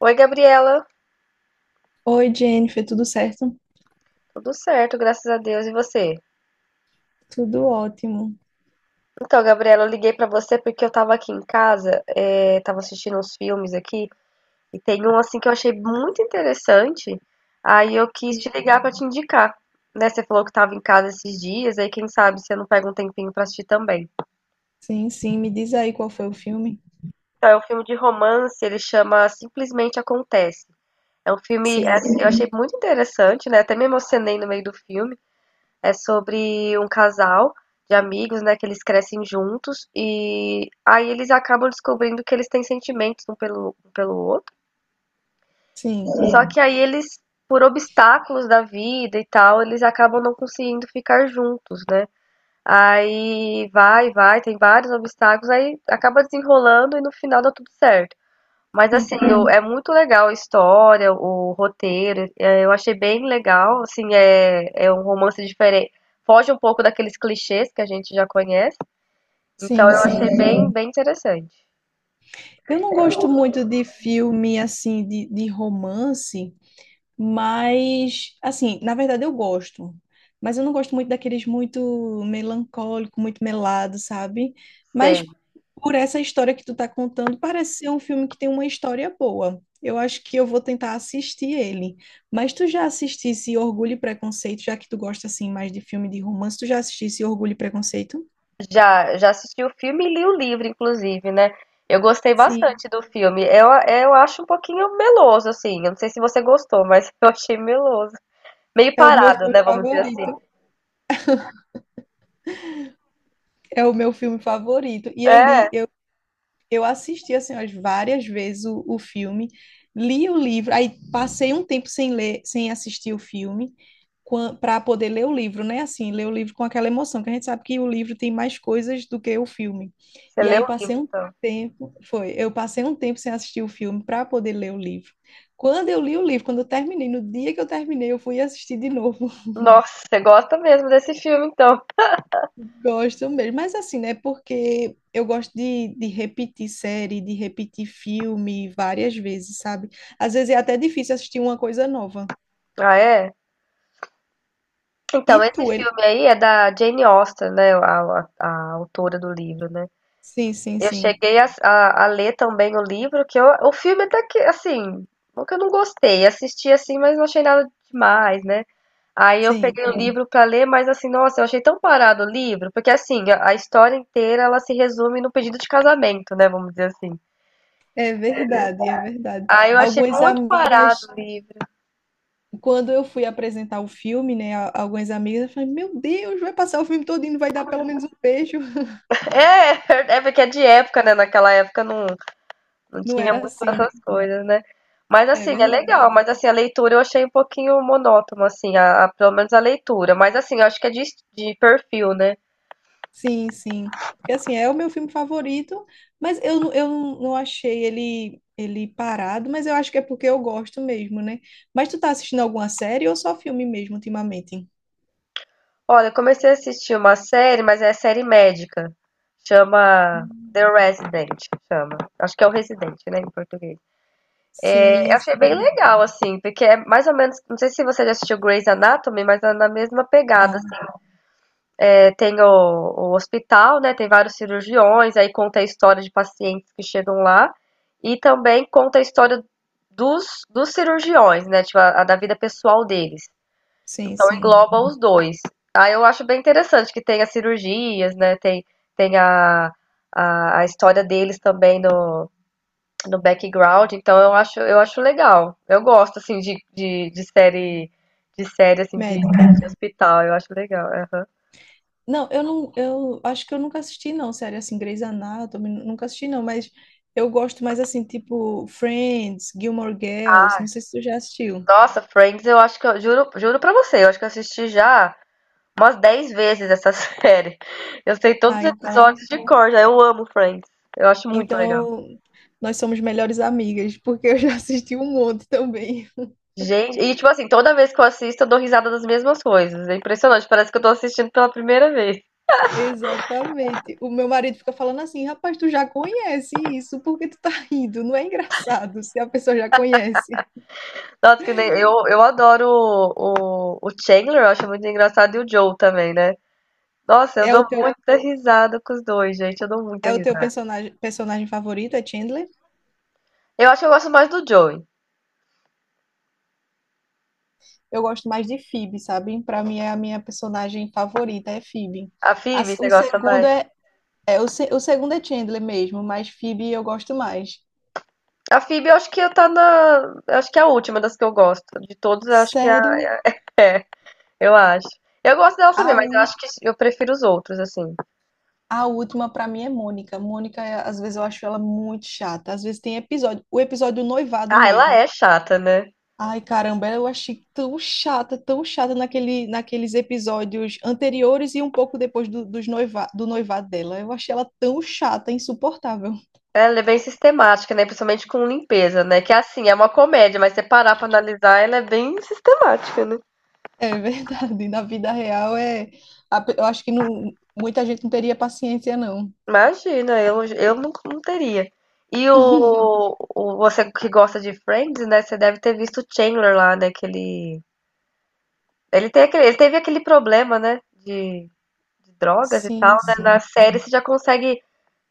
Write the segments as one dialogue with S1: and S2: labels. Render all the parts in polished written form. S1: Oi, Gabriela.
S2: Oi, Jennifer, tudo certo?
S1: Tudo certo, graças a Deus. E você?
S2: Tudo ótimo.
S1: Então, Gabriela, eu liguei pra você porque eu tava aqui em casa, tava assistindo uns filmes aqui, e tem um assim que eu achei muito interessante. Aí eu quis te
S2: Sim,
S1: ligar pra te indicar, né? Você falou que tava em casa esses dias, aí quem sabe você não pega um tempinho pra assistir também.
S2: sim. Me diz aí qual foi o filme.
S1: Então, é um filme de romance, ele chama Simplesmente Acontece. É um filme, é,
S2: Sim,
S1: assim, eu achei muito interessante, né? Até me emocionei no meio do filme. É sobre um casal de amigos, né, que eles crescem juntos e aí eles acabam descobrindo que eles têm sentimentos um pelo outro.
S2: sim.
S1: Só que aí eles, por obstáculos da vida e tal, eles acabam não conseguindo ficar juntos, né? Aí vai, tem vários obstáculos, aí acaba desenrolando e no final dá tudo certo. Mas
S2: Hum.
S1: assim, é muito legal a história, o roteiro, é, eu achei bem legal, assim, é, é um romance diferente, foge um pouco daqueles clichês que a gente já conhece, então
S2: Sim,
S1: eu achei
S2: sim.
S1: bem interessante.
S2: Eu não gosto muito de filme assim, de romance. Mas, assim, na verdade eu gosto. Mas eu não gosto muito daqueles muito melancólico, muito melado, sabe?
S1: Sei,
S2: Mas por essa história que tu tá contando, parece ser um filme que tem uma história boa. Eu acho que eu vou tentar assistir ele. Mas tu já assistisse Orgulho e Preconceito? Já que tu gosta assim mais de filme de romance, tu já assistisse Orgulho e Preconceito?
S1: já assisti o filme e li o livro, inclusive, né? Eu gostei
S2: Sim,
S1: bastante do filme, eu acho um pouquinho meloso, assim, eu não sei se você gostou, mas eu achei meloso, meio
S2: é o meu
S1: parado,
S2: filme
S1: né, vamos dizer assim.
S2: favorito. É o meu filme favorito. E eu
S1: É,
S2: li, eu assisti assim umas várias vezes o filme, li o livro, aí passei um tempo sem ler, sem assistir o filme, para poder ler o livro, né? Assim, ler o livro com aquela emoção, que a gente sabe que o livro tem mais coisas do que o filme.
S1: você
S2: E
S1: leu
S2: aí
S1: o livro,
S2: passei um
S1: então.
S2: tempo, foi, eu passei um tempo sem assistir o filme para poder ler o livro. Quando eu li o livro, quando eu terminei, no dia que eu terminei, eu fui assistir de novo.
S1: Nossa, você gosta mesmo desse filme, então.
S2: Gosto mesmo, mas assim, né? Porque eu gosto de repetir série, de repetir filme várias vezes, sabe? Às vezes é até difícil assistir uma coisa nova.
S1: Ah, é?
S2: E
S1: Então, esse
S2: tu, ele.
S1: filme aí é da Jane Austen, né? A autora do livro, né?
S2: Sim, sim,
S1: Eu
S2: sim,
S1: cheguei a ler também o livro, que eu, o filme até que, assim, não que eu não gostei. Assisti assim, mas não achei nada demais, né? Aí eu
S2: sim.
S1: peguei o, Sim, livro pra ler, mas assim, nossa, eu achei tão parado o livro, porque assim, a história inteira ela se resume no pedido de casamento, né? Vamos dizer assim.
S2: É verdade, é verdade.
S1: Aí eu achei
S2: Algumas
S1: muito parado
S2: amigas,
S1: o livro.
S2: quando eu fui apresentar o filme, né? Algumas amigas falaram, meu Deus, vai passar o filme todo e não vai dar pelo menos um beijo.
S1: É, é porque é de época, né? Naquela época não. Não
S2: Não
S1: tinha
S2: era
S1: muito
S2: assim, né?
S1: essas coisas, né. Mas
S2: É
S1: assim, é
S2: verdade.
S1: legal, mas assim, a leitura eu achei um pouquinho monótono, assim, a pelo menos a leitura. Mas assim, eu acho que é de perfil, né.
S2: Sim, sim. Porque assim, é o meu filme favorito, mas eu, eu não achei ele, ele parado, mas eu acho que é porque eu gosto mesmo, né? Mas tu tá assistindo alguma série ou só filme mesmo ultimamente?
S1: Olha, eu comecei a assistir uma série, mas é série médica. Chama
S2: Hum.
S1: The Resident, chama. Acho que é o Residente, né, em português. É, eu
S2: Sim,
S1: achei bem
S2: sim.
S1: legal, assim, porque é mais ou menos não sei se você já assistiu Grey's Anatomy, mas é na mesma pegada,
S2: Não,
S1: tem o hospital, né? Tem vários cirurgiões, aí conta a história de pacientes que chegam lá e também conta a história dos cirurgiões, né? Tipo, a da vida pessoal deles.
S2: sim,
S1: Então
S2: sim.
S1: engloba os dois. Aí eu acho bem interessante que tem as cirurgias, né? Tem, tem a história deles também no background. Então eu acho legal. Eu gosto assim de série de série assim de,
S2: Médica.
S1: de hospital. Eu acho legal. Aham.
S2: Não, eu não, eu acho que eu nunca assisti, não, série assim, Grey's Anatomy, nunca assisti, não, mas eu gosto mais assim, tipo Friends, Gilmore Girls,
S1: Ah,
S2: não sei se tu já assistiu.
S1: nossa, Friends, eu acho que eu juro, pra você, eu acho que eu assisti já umas 10 vezes essa série. Eu sei todos
S2: Ah,
S1: os
S2: então.
S1: episódios de cor, já. Eu amo Friends. Eu acho muito legal.
S2: Então, nós somos melhores amigas, porque eu já assisti um monte também.
S1: Gente, e tipo assim, toda vez que eu assisto, eu dou risada das mesmas coisas. É impressionante, parece que eu tô assistindo pela primeira vez.
S2: Exatamente. O meu marido fica falando assim, rapaz, tu já conhece isso, por que tu tá rindo? Não é engraçado se a pessoa já conhece.
S1: Nossa, que nem, eu adoro o Chandler, eu acho muito engraçado, e o Joe também, né? Nossa, eu
S2: É
S1: dou
S2: o teu,
S1: muita risada com os dois, gente. Eu dou muita
S2: é o teu
S1: risada.
S2: personagem, personagem favorito, é Chandler?
S1: Eu acho que eu gosto mais do Joey.
S2: Eu gosto mais de Phoebe, sabe? Pra mim é a minha personagem favorita, é Phoebe.
S1: A
S2: A-
S1: Phoebe,
S2: o
S1: você gosta
S2: segundo
S1: mais?
S2: é, é o, o segundo é Chandler mesmo, mas Phoebe eu gosto mais.
S1: A Phoebe, eu acho que tá na. Eu Acho que é a última das que eu gosto. De todos, eu acho que é.
S2: Sério?
S1: Eu acho. Eu gosto dela também,
S2: Ah,
S1: mas eu acho que eu prefiro os outros, assim.
S2: a última pra mim é Mônica. Mônica, às vezes eu acho ela muito chata. Às vezes tem episódio, o episódio do noivado
S1: Ah, ela
S2: mesmo.
S1: é chata, né?
S2: Ai, caramba, eu achei tão chata naquele, naqueles episódios anteriores e um pouco depois do, dos do noivado dela. Eu achei ela tão chata, insuportável.
S1: Ela é bem sistemática, né? Principalmente com limpeza, né? Que é assim, é uma comédia, mas se você parar pra analisar, ela é bem sistemática, né?
S2: É verdade, na vida real é, eu acho que não, muita gente não teria paciência, não.
S1: Imagina, eu não, não teria. Você que gosta de Friends, né? Você deve ter visto o Chandler lá, né? Que ele. Ele, tem aquele, ele teve aquele problema, né? De drogas e
S2: Sim,
S1: tal, né? Na
S2: sim.
S1: série você já consegue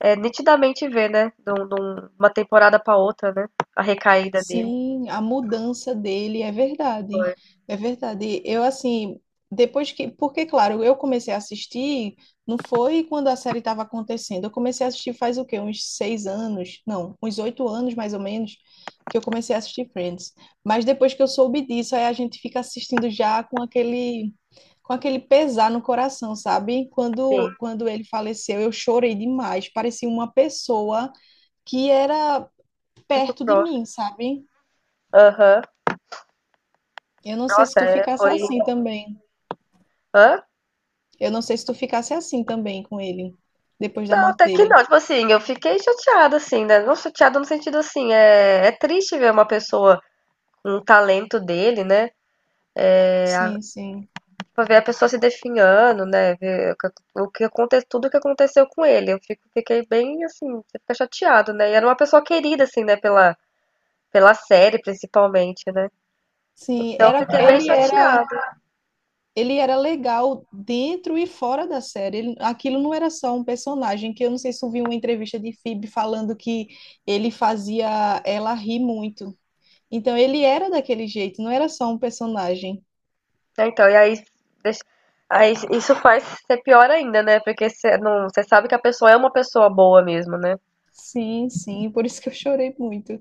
S1: é, nitidamente ver, né? Uma temporada pra outra, né? A recaída dele.
S2: Sim, a mudança dele é verdade. É verdade. Eu, assim, depois que. Porque, claro, eu comecei a assistir, não foi quando a série estava acontecendo. Eu comecei a assistir faz o quê? Uns 6 anos? Não, uns 8 anos mais ou menos, que eu comecei a assistir Friends. Mas depois que eu soube disso, aí a gente fica assistindo já com aquele. Com aquele pesar no coração, sabe?
S1: Sim,
S2: Quando, quando ele faleceu, eu chorei demais. Parecia uma pessoa que era
S1: muito
S2: perto de
S1: próximo.
S2: mim, sabe?
S1: Aham.
S2: Eu não sei se
S1: Nossa,
S2: tu
S1: é,
S2: ficasse
S1: foi.
S2: assim também.
S1: Hã?
S2: Eu não sei se tu ficasse assim também com ele, depois da
S1: Não,
S2: morte
S1: até que
S2: dele.
S1: não. Tipo assim, eu fiquei chateada, assim, né? Não chateada no sentido assim, é, é triste ver uma pessoa com um talento dele, né?
S2: Sim, sim.
S1: Pra ver a pessoa se definhando, né? Ver o que aconteceu, tudo o que aconteceu com ele. Eu fiquei bem assim, você fica chateado, né? E era uma pessoa querida, assim, né, pela série, principalmente, né?
S2: Sim,
S1: Então eu
S2: era,
S1: fiquei bem
S2: ele era,
S1: chateada.
S2: ele era legal dentro e fora da série. Aquilo não era só um personagem, que eu não sei se tu viu uma entrevista de Phoebe falando que ele fazia ela rir muito. Então ele era daquele jeito, não era só um personagem.
S1: Então, e aí, isso faz ser pior ainda, né? Porque você não, você sabe que a pessoa é uma pessoa boa mesmo, né?
S2: Sim, sim, por isso que eu chorei muito.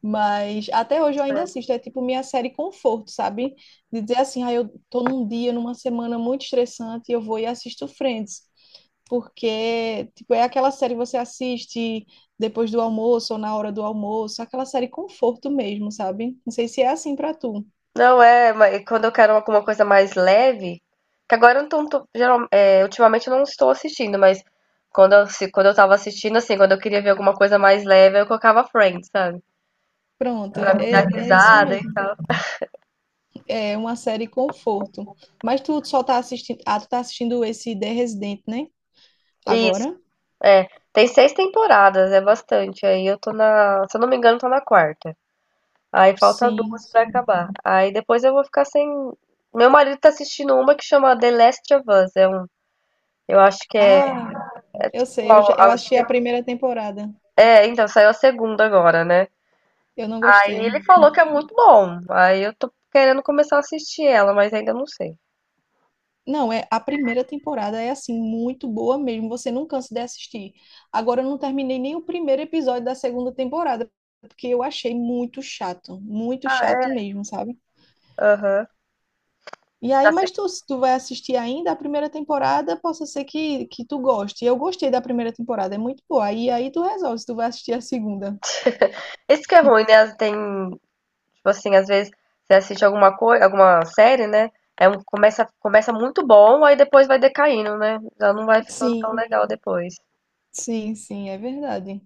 S2: Mas até hoje eu ainda assisto, é tipo minha série conforto, sabe? De dizer assim, ah, eu tô num dia, numa semana muito estressante, eu vou e assisto Friends, porque tipo, é aquela série que você assiste depois do almoço ou na hora do almoço, aquela série conforto mesmo, sabe? Não sei se é assim pra tu.
S1: Não é, mas quando eu quero alguma coisa mais leve, que agora eu não ultimamente eu não estou assistindo, mas quando eu, se, quando eu tava assistindo, assim, quando eu queria ver alguma coisa mais leve, eu colocava Friends, sabe?
S2: Pronto, é,
S1: Pra me dar
S2: é isso
S1: risada e
S2: mesmo.
S1: tal.
S2: É uma série conforto. Mas tu só tá assistindo, ah, tu tá assistindo esse The Resident, né?
S1: Isso,
S2: Agora?
S1: é. Tem seis temporadas, é bastante. Aí eu tô na, se eu não me engano, tô na quarta. Aí falta
S2: Sim,
S1: duas pra
S2: sim.
S1: acabar. Aí depois eu vou ficar sem. Meu marido tá assistindo uma que chama The Last of Us. É um, eu acho que é,
S2: Ah,
S1: é
S2: eu
S1: tipo,
S2: sei, eu, eu
S1: acho
S2: assisti
S1: que
S2: a primeira temporada.
S1: então saiu a segunda agora, né?
S2: Eu não
S1: Aí ele
S2: gostei.
S1: falou que é muito bom. Aí eu tô querendo começar a assistir ela, mas ainda não sei.
S2: Não, é a primeira temporada é assim muito boa mesmo, você não cansa de assistir. Agora eu não terminei nem o primeiro episódio da segunda temporada, porque eu achei muito
S1: Ah,
S2: chato
S1: é?
S2: mesmo, sabe?
S1: Aham.
S2: E aí,
S1: Dá se-
S2: mas tu, se tu vai assistir ainda a primeira temporada, possa ser que tu goste. Eu gostei da primeira temporada, é muito boa. E aí tu resolve se tu vai assistir a segunda.
S1: Isso que é ruim, né? Tem, tipo assim, às vezes você assiste alguma coisa, alguma série, né? É um, começa muito bom, aí depois vai decaindo, né? Já não vai ficando tão
S2: Sim,
S1: legal depois.
S2: sim, é verdade.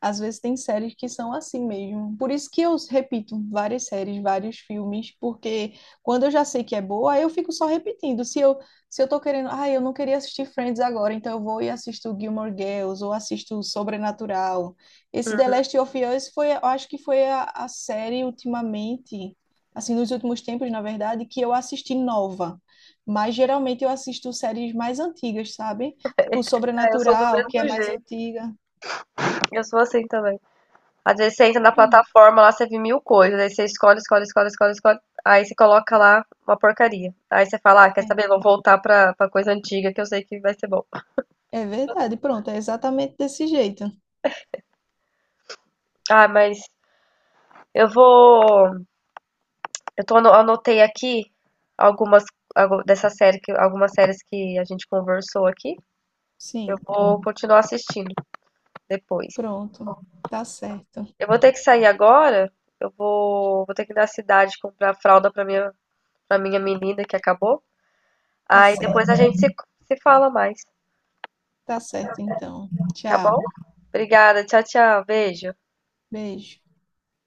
S2: Às vezes tem séries que são assim mesmo. Por isso que eu repito várias séries, vários filmes, porque quando eu já sei que é boa, aí eu fico só repetindo. Se eu, se eu tô querendo, ah, eu não queria assistir Friends agora, então eu vou e assisto Gilmore Girls ou assisto Sobrenatural. Esse The Last of Us foi, eu acho que foi a série ultimamente, assim, nos últimos tempos, na verdade, que eu assisti nova. Mas geralmente eu assisto séries mais antigas, sabe? Tipo
S1: É, eu sou do
S2: Sobrenatural,
S1: mesmo
S2: que é mais
S1: jeito.
S2: antiga.
S1: Eu sou assim também. Às vezes você entra na
S2: Pronto.
S1: plataforma lá, você vê mil coisas. Aí você escolhe, escolhe, escolhe, escolhe, escolhe. Aí você coloca lá uma porcaria. Aí você fala, ah, quer
S2: É.
S1: saber? Vou voltar pra, coisa antiga que eu sei que vai ser bom.
S2: É verdade, pronto, é exatamente desse jeito.
S1: Ah, mas eu vou. Anotei aqui algumas dessa série, que, algumas séries que a gente conversou aqui. Eu
S2: Sim,
S1: vou continuar assistindo depois.
S2: pronto. Tá certo,
S1: Eu vou ter que sair agora. Eu vou, vou ter que ir na cidade comprar fralda pra minha, menina que acabou.
S2: tá
S1: Aí depois
S2: certo,
S1: a gente se fala mais,
S2: tá certo então.
S1: tá bom?
S2: Tchau,
S1: Obrigada, tchau, tchau, beijo.
S2: beijo.